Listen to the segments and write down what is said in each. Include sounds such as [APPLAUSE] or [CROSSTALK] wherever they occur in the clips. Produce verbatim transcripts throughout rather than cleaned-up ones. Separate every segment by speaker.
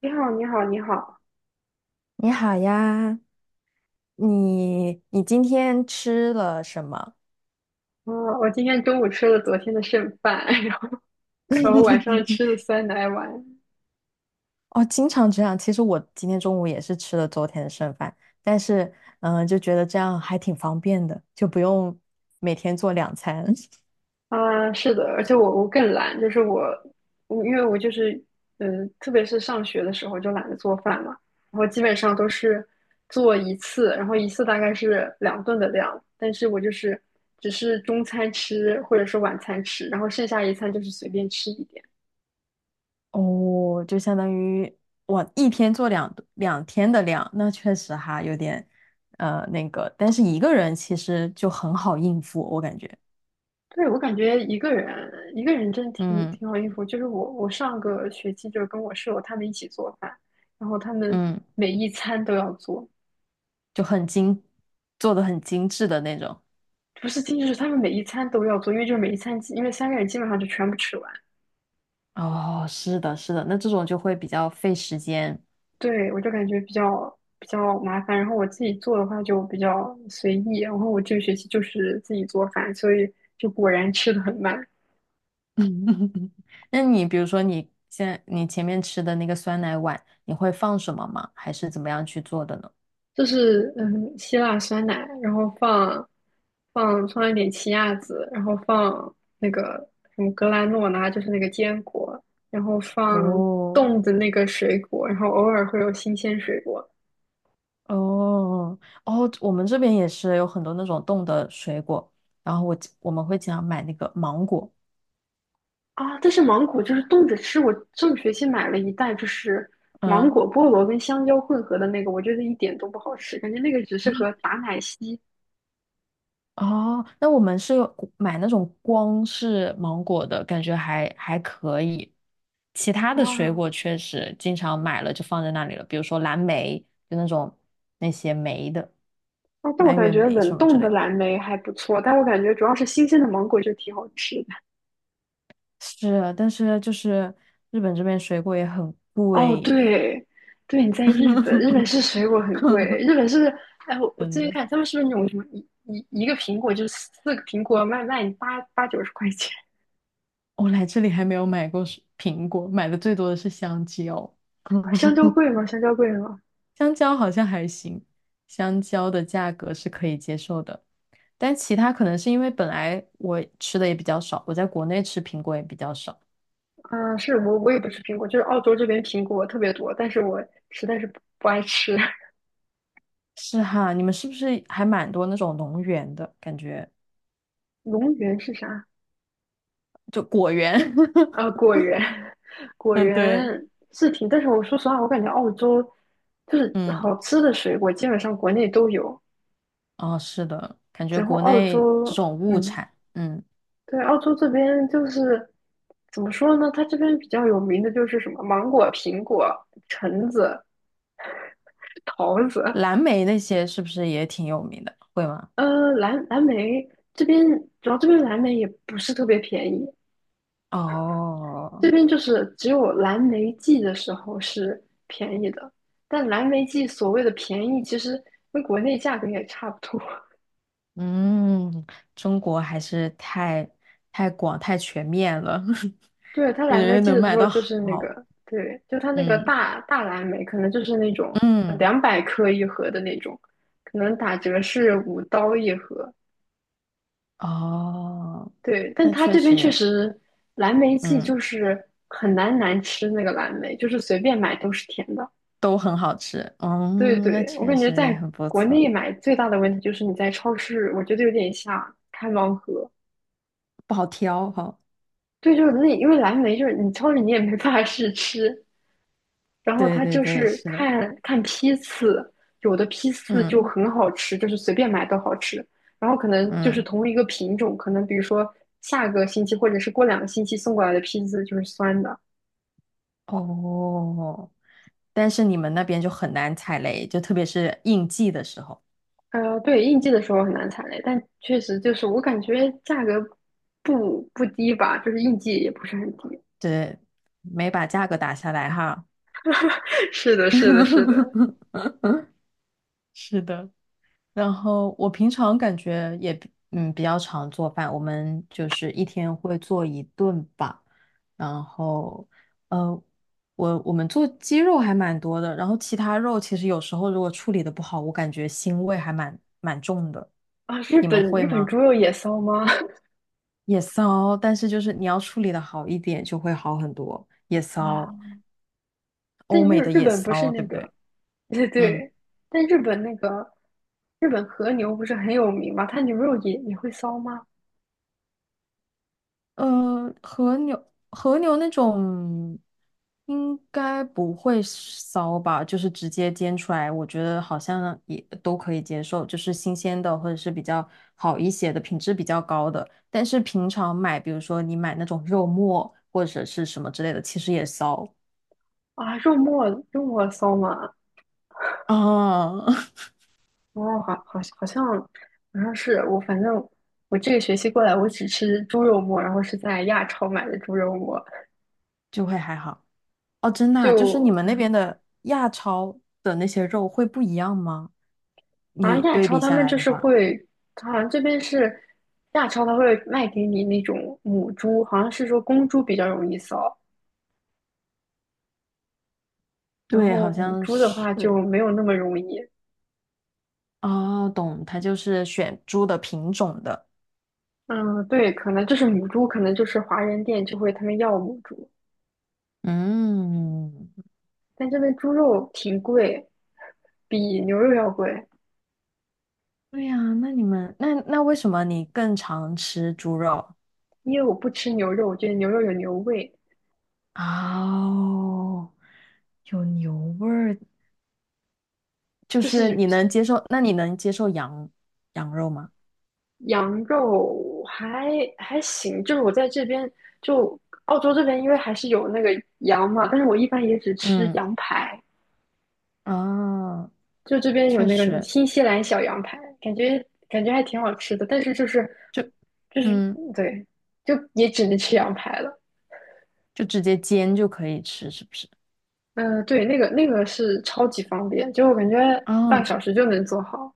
Speaker 1: 你好，你好，你好。
Speaker 2: 你好呀，你你今天吃了什么？
Speaker 1: 哦，我今天中午吃了昨天的剩饭，[LAUGHS] 然后然后晚上
Speaker 2: [LAUGHS]
Speaker 1: 吃了酸奶碗。
Speaker 2: 哦，经常这样。其实我今天中午也是吃了昨天的剩饭，但是嗯、呃就觉得这样还挺方便的，就不用每天做两餐。
Speaker 1: 啊，是的，而且我我更懒，就是我，我因为我就是嗯，特别是上学的时候就懒得做饭嘛，然后基本上都是做一次，然后一次大概是两顿的量，但是我就是只是中餐吃或者是晚餐吃，然后剩下一餐就是随便吃一点。
Speaker 2: [LAUGHS] 哦，就相当于我一天做两两天的量，那确实哈有点呃那个，但是一个人其实就很好应付，我感觉，
Speaker 1: 对，我感觉一个人一个人真的挺
Speaker 2: 嗯
Speaker 1: 挺好应付，就是我我上个学期就是跟我室友他们一起做饭，然后他们
Speaker 2: 嗯，
Speaker 1: 每一餐都要做，
Speaker 2: 就很精，做的很精致的那种。
Speaker 1: 不是仅仅是他们每一餐都要做，因为就是每一餐基，因为三个人基本上就全部吃完。
Speaker 2: 哦，是的，是的，那这种就会比较费时间。
Speaker 1: 对，我就感觉比较比较麻烦。然后我自己做的话就比较随意，然后我这个学期就是自己做饭，所以就果然吃的很慢。
Speaker 2: [LAUGHS] 那你比如说你现在你前面吃的那个酸奶碗，你会放什么吗？还是怎么样去做的呢？
Speaker 1: 就是嗯，希腊酸奶，然后放放放一点奇亚籽，然后放那个什么格兰诺拉，就是那个坚果，然后放
Speaker 2: 哦
Speaker 1: 冻的那个水果，然后偶尔会有新鲜水果。
Speaker 2: 哦哦，我们这边也是有很多那种冻的水果，然后我我们会经常买那个芒果，
Speaker 1: 啊，但是芒果就是冻着吃。我上个学期买了一袋，就是芒
Speaker 2: 嗯，
Speaker 1: 果、
Speaker 2: [LAUGHS]
Speaker 1: 菠萝跟香蕉混合的那个，我觉得一点都不好吃，感觉那个只适合打奶昔
Speaker 2: 哦，那我们是有买那种光是芒果的，感觉还还可以。其他的水果
Speaker 1: 啊。
Speaker 2: 确实经常买了就放在那里了，比如说蓝莓，就那种那些莓的，
Speaker 1: 啊，但我
Speaker 2: 蔓
Speaker 1: 感
Speaker 2: 越
Speaker 1: 觉
Speaker 2: 莓
Speaker 1: 冷
Speaker 2: 什么
Speaker 1: 冻
Speaker 2: 之
Speaker 1: 的
Speaker 2: 类的。
Speaker 1: 蓝莓还不错，但我感觉主要是新鲜的芒果就挺好吃的。
Speaker 2: 是啊，但是就是日本这边水果也很
Speaker 1: 哦，
Speaker 2: 贵，
Speaker 1: 对，对，你在日本，日本
Speaker 2: [LAUGHS]
Speaker 1: 是水果很贵，日本是，哎，我我
Speaker 2: 真
Speaker 1: 最近
Speaker 2: 的。
Speaker 1: 看他们是不是那种什么一一一个苹果就是四个苹果卖卖你八八九十块钱，
Speaker 2: 我来这里还没有买过水苹果，买的最多的是香蕉。
Speaker 1: [LAUGHS] 香蕉贵
Speaker 2: [LAUGHS]
Speaker 1: 吗？香蕉贵吗？
Speaker 2: 香蕉好像还行，香蕉的价格是可以接受的，但其他可能是因为本来我吃的也比较少，我在国内吃苹果也比较少。
Speaker 1: 嗯、是我我也不吃苹果，就是澳洲这边苹果特别多，但是我实在是不不爱吃。
Speaker 2: 是哈，你们是不是还蛮多那种农园的感觉？
Speaker 1: [LAUGHS] 龙源是啥？
Speaker 2: 就果园？
Speaker 1: 啊，
Speaker 2: [LAUGHS]
Speaker 1: 果园，[LAUGHS] 果
Speaker 2: 嗯，对，
Speaker 1: 园是挺，但是我说实话，我感觉澳洲就是
Speaker 2: 嗯，
Speaker 1: 好吃的水果基本上国内都有，
Speaker 2: 哦，是的，感觉
Speaker 1: 然后
Speaker 2: 国
Speaker 1: 澳
Speaker 2: 内这
Speaker 1: 洲。
Speaker 2: 种物
Speaker 1: 嗯，
Speaker 2: 产，嗯，
Speaker 1: 对，澳洲这边就是怎么说呢？它这边比较有名的就是什么芒果、苹果、橙子、桃子，
Speaker 2: 蓝莓那些是不是也挺有名的？会吗？
Speaker 1: 呃，蓝蓝莓这边主要这边蓝莓也不是特别便宜，这
Speaker 2: 哦，
Speaker 1: 边就是只有蓝莓季的时候是便宜的，但蓝莓季所谓的便宜，其实跟国内价格也差不多。
Speaker 2: 嗯，中国还是太太广太全面了，
Speaker 1: 对，它
Speaker 2: [LAUGHS] 感
Speaker 1: 蓝莓
Speaker 2: 觉
Speaker 1: 季
Speaker 2: 能
Speaker 1: 的时
Speaker 2: 买
Speaker 1: 候
Speaker 2: 到
Speaker 1: 就是那
Speaker 2: 好。
Speaker 1: 个，对，就它那个
Speaker 2: 嗯
Speaker 1: 大大蓝莓，可能就是那种呃
Speaker 2: 嗯，
Speaker 1: 两百克一盒的那种，可能打折是五刀一盒。
Speaker 2: 哦，
Speaker 1: 对，但
Speaker 2: 那
Speaker 1: 它
Speaker 2: 确
Speaker 1: 这边
Speaker 2: 实
Speaker 1: 确
Speaker 2: 也，
Speaker 1: 实蓝莓季
Speaker 2: 嗯，
Speaker 1: 就是很难难吃那个蓝莓，就是随便买都是甜的。
Speaker 2: 都很好吃。
Speaker 1: 对
Speaker 2: 嗯，那
Speaker 1: 对，我
Speaker 2: 确
Speaker 1: 感觉
Speaker 2: 实也
Speaker 1: 在
Speaker 2: 很不
Speaker 1: 国
Speaker 2: 错，
Speaker 1: 内买最大的问题就是你在超市，我觉得有点像开盲盒。
Speaker 2: 不好挑哈。
Speaker 1: 对，就是那因为蓝莓就是你超市你也没办法试吃，然后
Speaker 2: 对
Speaker 1: 它
Speaker 2: 对
Speaker 1: 就
Speaker 2: 对，
Speaker 1: 是
Speaker 2: 是的。
Speaker 1: 看看批次，有的批次就
Speaker 2: 嗯
Speaker 1: 很好吃，就是随便买都好吃。然后可能就是
Speaker 2: 嗯，
Speaker 1: 同一个品种，可能比如说下个星期或者是过两个星期送过来的批次就是酸的。
Speaker 2: 哦，但是你们那边就很难踩雷，就特别是应季的时候，
Speaker 1: 呃，对，应季的时候很难踩雷，但确实就是我感觉价格不不低吧，就是应季也不是很低。
Speaker 2: 对，没把价格打下来哈。
Speaker 1: [LAUGHS] 是的，是的，是的。
Speaker 2: [LAUGHS] 是的，然后我平常感觉也比嗯比较常做饭，我们就是一天会做一顿吧。然后呃，我我们做鸡肉还蛮多的，然后其他肉其实有时候如果处理的不好，我感觉腥味还蛮蛮重的。
Speaker 1: 啊，日
Speaker 2: 你们
Speaker 1: 本
Speaker 2: 会
Speaker 1: 日本
Speaker 2: 吗？
Speaker 1: 猪肉也骚吗？
Speaker 2: 也骚，但是就是你要处理的好一点就会好很多。也
Speaker 1: [LAUGHS]
Speaker 2: 骚，
Speaker 1: 啊，但
Speaker 2: 欧
Speaker 1: 日
Speaker 2: 美的
Speaker 1: 日
Speaker 2: 也
Speaker 1: 本不是
Speaker 2: 骚，对
Speaker 1: 那
Speaker 2: 不对？
Speaker 1: 个 [LAUGHS] 对
Speaker 2: 嗯。
Speaker 1: 对，但日本那个日本和牛不是很有名吗？它牛肉也也会骚吗？
Speaker 2: 呃，和牛和牛那种应该不会骚吧，就是直接煎出来，我觉得好像也都可以接受，就是新鲜的或者是比较好一些的，品质比较高的。但是平常买，比如说你买那种肉末或者是什么之类的，其实也骚
Speaker 1: 啊，肉末肉末骚吗？
Speaker 2: 啊，[LAUGHS]
Speaker 1: 哦，好好好像好像是我，反正我这个学期过来，我只吃猪肉末，然后是在亚超买的猪肉末，
Speaker 2: 就会还好。哦，真的啊就是你们那
Speaker 1: 就
Speaker 2: 边的亚超的那些肉会不一样吗？
Speaker 1: 好像
Speaker 2: 你
Speaker 1: 亚
Speaker 2: 对
Speaker 1: 超
Speaker 2: 比
Speaker 1: 他
Speaker 2: 下
Speaker 1: 们
Speaker 2: 来
Speaker 1: 就
Speaker 2: 的
Speaker 1: 是
Speaker 2: 话，
Speaker 1: 会，好像这边是亚超他会卖给你那种母猪，好像是说公猪比较容易骚，然
Speaker 2: 对，
Speaker 1: 后
Speaker 2: 好
Speaker 1: 母
Speaker 2: 像
Speaker 1: 猪的
Speaker 2: 是。
Speaker 1: 话就没有那么容易。
Speaker 2: 哦，懂，它就是选猪的品种的。
Speaker 1: 嗯，对，可能就是母猪，可能就是华人店就会他们要母猪，
Speaker 2: 嗯，
Speaker 1: 但这边猪肉挺贵，比牛肉要贵。
Speaker 2: 对呀，那你们那那为什么你更常吃猪肉？
Speaker 1: 因为我不吃牛肉，我觉得牛肉有牛味，
Speaker 2: 哦，有牛味儿，就
Speaker 1: 就
Speaker 2: 是
Speaker 1: 是
Speaker 2: 你能接受？那你能接受羊羊肉吗？
Speaker 1: 羊肉还还行。就是我在这边，就澳洲这边，因为还是有那个羊嘛，但是我一般也只吃
Speaker 2: 嗯，
Speaker 1: 羊排，
Speaker 2: 哦，
Speaker 1: 就这边有
Speaker 2: 确
Speaker 1: 那个什么
Speaker 2: 实，
Speaker 1: 新西兰小羊排，感觉感觉还挺好吃的，但是就是
Speaker 2: 就
Speaker 1: 就是
Speaker 2: 嗯，
Speaker 1: 对，就也只能吃羊排了。
Speaker 2: 就直接煎就可以吃，是不是？
Speaker 1: 嗯，对，那个那个是超级方便，就我感觉半
Speaker 2: 哦，
Speaker 1: 个小时就能做好。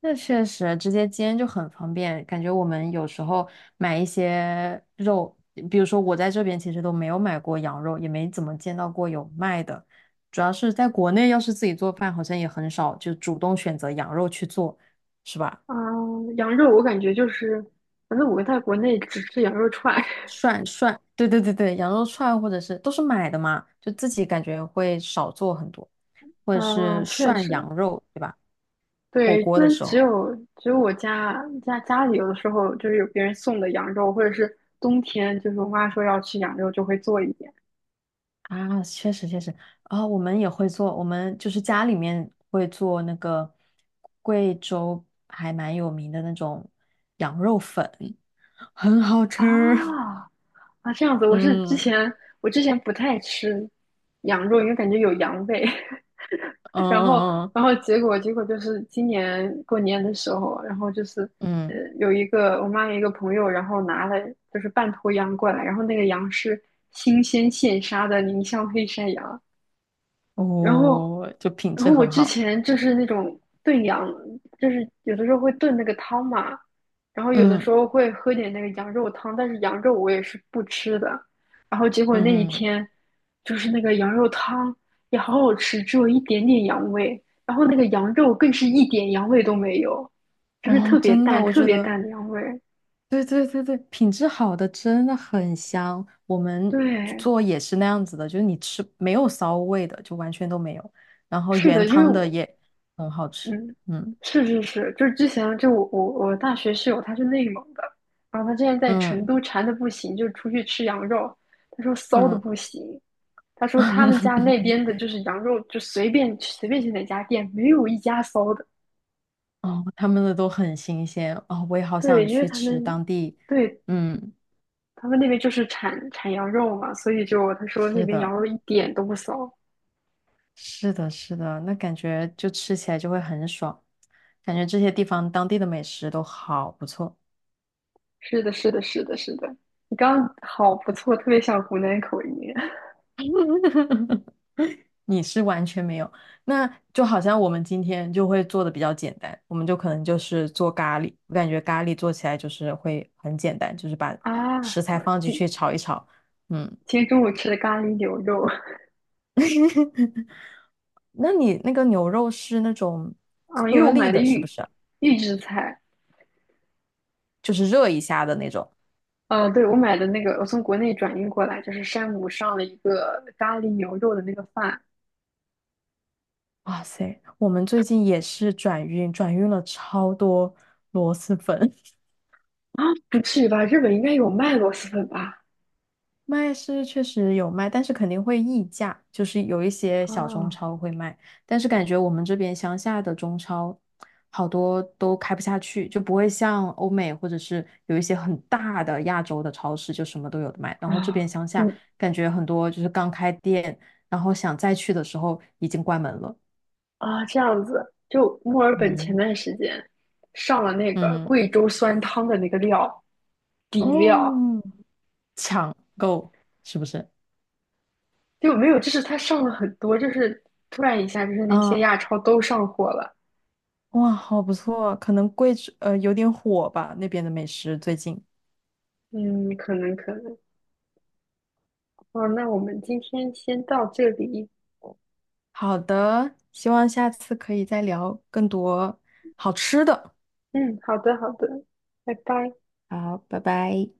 Speaker 2: 那确实，直接煎就很方便。感觉我们有时候买一些肉，比如说我在这边其实都没有买过羊肉，也没怎么见到过有卖的。主要是在国内，要是自己做饭，好像也很少就主动选择羊肉去做，是吧？
Speaker 1: 嗯、羊肉我感觉就是，反正我在国内只吃羊肉串。[LAUGHS]
Speaker 2: 涮涮，对对对对，羊肉串或者是都是买的嘛，就自己感觉会少做很多，或者
Speaker 1: 啊、
Speaker 2: 是
Speaker 1: 确
Speaker 2: 涮
Speaker 1: 实，
Speaker 2: 羊肉，对吧？火
Speaker 1: 对，这
Speaker 2: 锅的
Speaker 1: 边
Speaker 2: 时
Speaker 1: 只
Speaker 2: 候。
Speaker 1: 有只有我家家家里有的时候就是有别人送的羊肉，或者是冬天就是我妈说要吃羊肉就会做一点。
Speaker 2: 啊，确实确实啊，我们也会做，我们就是家里面会做那个贵州还蛮有名的那种羊肉粉，很好吃。
Speaker 1: 啊
Speaker 2: [LAUGHS]
Speaker 1: 啊，这样子，我是之
Speaker 2: 嗯
Speaker 1: 前我之前不太吃羊肉，因为感觉有羊味。[LAUGHS]
Speaker 2: 嗯
Speaker 1: 然后，
Speaker 2: 嗯
Speaker 1: 然后结果结果就是今年过年的时候，然后就是
Speaker 2: 嗯，
Speaker 1: 呃
Speaker 2: 嗯
Speaker 1: 有一个我妈有一个朋友，然后拿了就是半头羊过来，然后那个羊是新鲜现杀的宁乡黑山羊，然后，
Speaker 2: 哦，就品
Speaker 1: 然
Speaker 2: 质
Speaker 1: 后我
Speaker 2: 很
Speaker 1: 之
Speaker 2: 好。
Speaker 1: 前就是那种炖羊，就是有的时候会炖那个汤嘛，然后有的时
Speaker 2: 嗯
Speaker 1: 候会喝点那个羊肉汤，但是羊肉我也是不吃的。然后结果那一
Speaker 2: 嗯，
Speaker 1: 天，就是那个羊肉汤也好好吃，只有一点点羊味，然后那个羊肉更是一点羊味都没有，就是
Speaker 2: 嗯哦，
Speaker 1: 特别
Speaker 2: 真的，
Speaker 1: 淡、
Speaker 2: 我
Speaker 1: 特
Speaker 2: 觉
Speaker 1: 别
Speaker 2: 得。
Speaker 1: 淡的羊味。
Speaker 2: 对对对对，品质好的真的很香。我们
Speaker 1: 对，
Speaker 2: 做也是那样子的，就是你吃没有骚味的，就完全都没有。然后
Speaker 1: 是
Speaker 2: 原
Speaker 1: 的，因为
Speaker 2: 汤的
Speaker 1: 我
Speaker 2: 也很好吃，
Speaker 1: 嗯，
Speaker 2: 嗯
Speaker 1: 是是是，就是之前就我我我大学室友他是内蒙的，然后他之前在成
Speaker 2: 嗯
Speaker 1: 都馋的不行，就出去吃羊肉，他说骚的
Speaker 2: 嗯，
Speaker 1: 不行，他说他们家那边
Speaker 2: [LAUGHS]
Speaker 1: 的就是羊肉，就随便随便去哪家店，没有一家骚的。
Speaker 2: 哦，他们的都很新鲜哦，我也好
Speaker 1: 对，
Speaker 2: 想
Speaker 1: 因为
Speaker 2: 去
Speaker 1: 他
Speaker 2: 吃
Speaker 1: 们，
Speaker 2: 当地。
Speaker 1: 对，
Speaker 2: 嗯，
Speaker 1: 他们那边就是产产羊肉嘛，所以就他说那
Speaker 2: 是
Speaker 1: 边
Speaker 2: 的，
Speaker 1: 羊肉一点都不骚。
Speaker 2: 是的，是的，那感觉就吃起来就会很爽，感觉这些地方当地的美食都好不错。
Speaker 1: 是的，是的，是的，是的。你刚刚好不错，特别像湖南口音
Speaker 2: [LAUGHS] 你是完全没有，那就好像我们今天就会做的比较简单，我们就可能就是做咖喱，我感觉咖喱做起来就是会很简单，就是把
Speaker 1: [LAUGHS] 啊！
Speaker 2: 食材放进
Speaker 1: 今
Speaker 2: 去炒一炒。嗯，
Speaker 1: 今天中午吃的咖喱牛肉。
Speaker 2: 那你那个牛肉是那种
Speaker 1: 嗯，因为
Speaker 2: 颗
Speaker 1: 我
Speaker 2: 粒
Speaker 1: 买的
Speaker 2: 的，是不
Speaker 1: 预
Speaker 2: 是啊
Speaker 1: 预制菜，
Speaker 2: 就是热一下的那种。
Speaker 1: 呃，对，我买的那个，我从国内转运过来，就是山姆上了一个咖喱牛肉的那个饭
Speaker 2: 哇塞，我们最近也是转运，转运了超多螺蛳粉。[LAUGHS]
Speaker 1: 啊，不至于吧？日本应该有卖螺蛳粉吧？
Speaker 2: 卖是确实有卖，但是肯定会溢价，就是有一些小中
Speaker 1: 啊
Speaker 2: 超会卖，但是感觉我们这边乡下的中超好多都开不下去，就不会像欧美或者是有一些很大的亚洲的超市就什么都有的卖，然后这边
Speaker 1: 啊，
Speaker 2: 乡下
Speaker 1: 嗯
Speaker 2: 感觉很多就是刚开店，然后想再去的时候已经关门了。
Speaker 1: 啊，这样子，就墨尔本前
Speaker 2: 嗯，
Speaker 1: 段时间上了那个
Speaker 2: 嗯，
Speaker 1: 贵州酸汤的那个料底料，
Speaker 2: 哦，抢购是不是？
Speaker 1: 就没有，就是它上了很多，就是突然一下，就是那些
Speaker 2: 啊，
Speaker 1: 亚超都上货了。
Speaker 2: 哇，好不错，可能贵，呃，有点火吧，那边的美食最近。
Speaker 1: 嗯，可能可能。哦，那我们今天先到这里。
Speaker 2: 好的，希望下次可以再聊更多好吃的。
Speaker 1: 嗯，好的，好的，拜拜。
Speaker 2: 好，拜拜。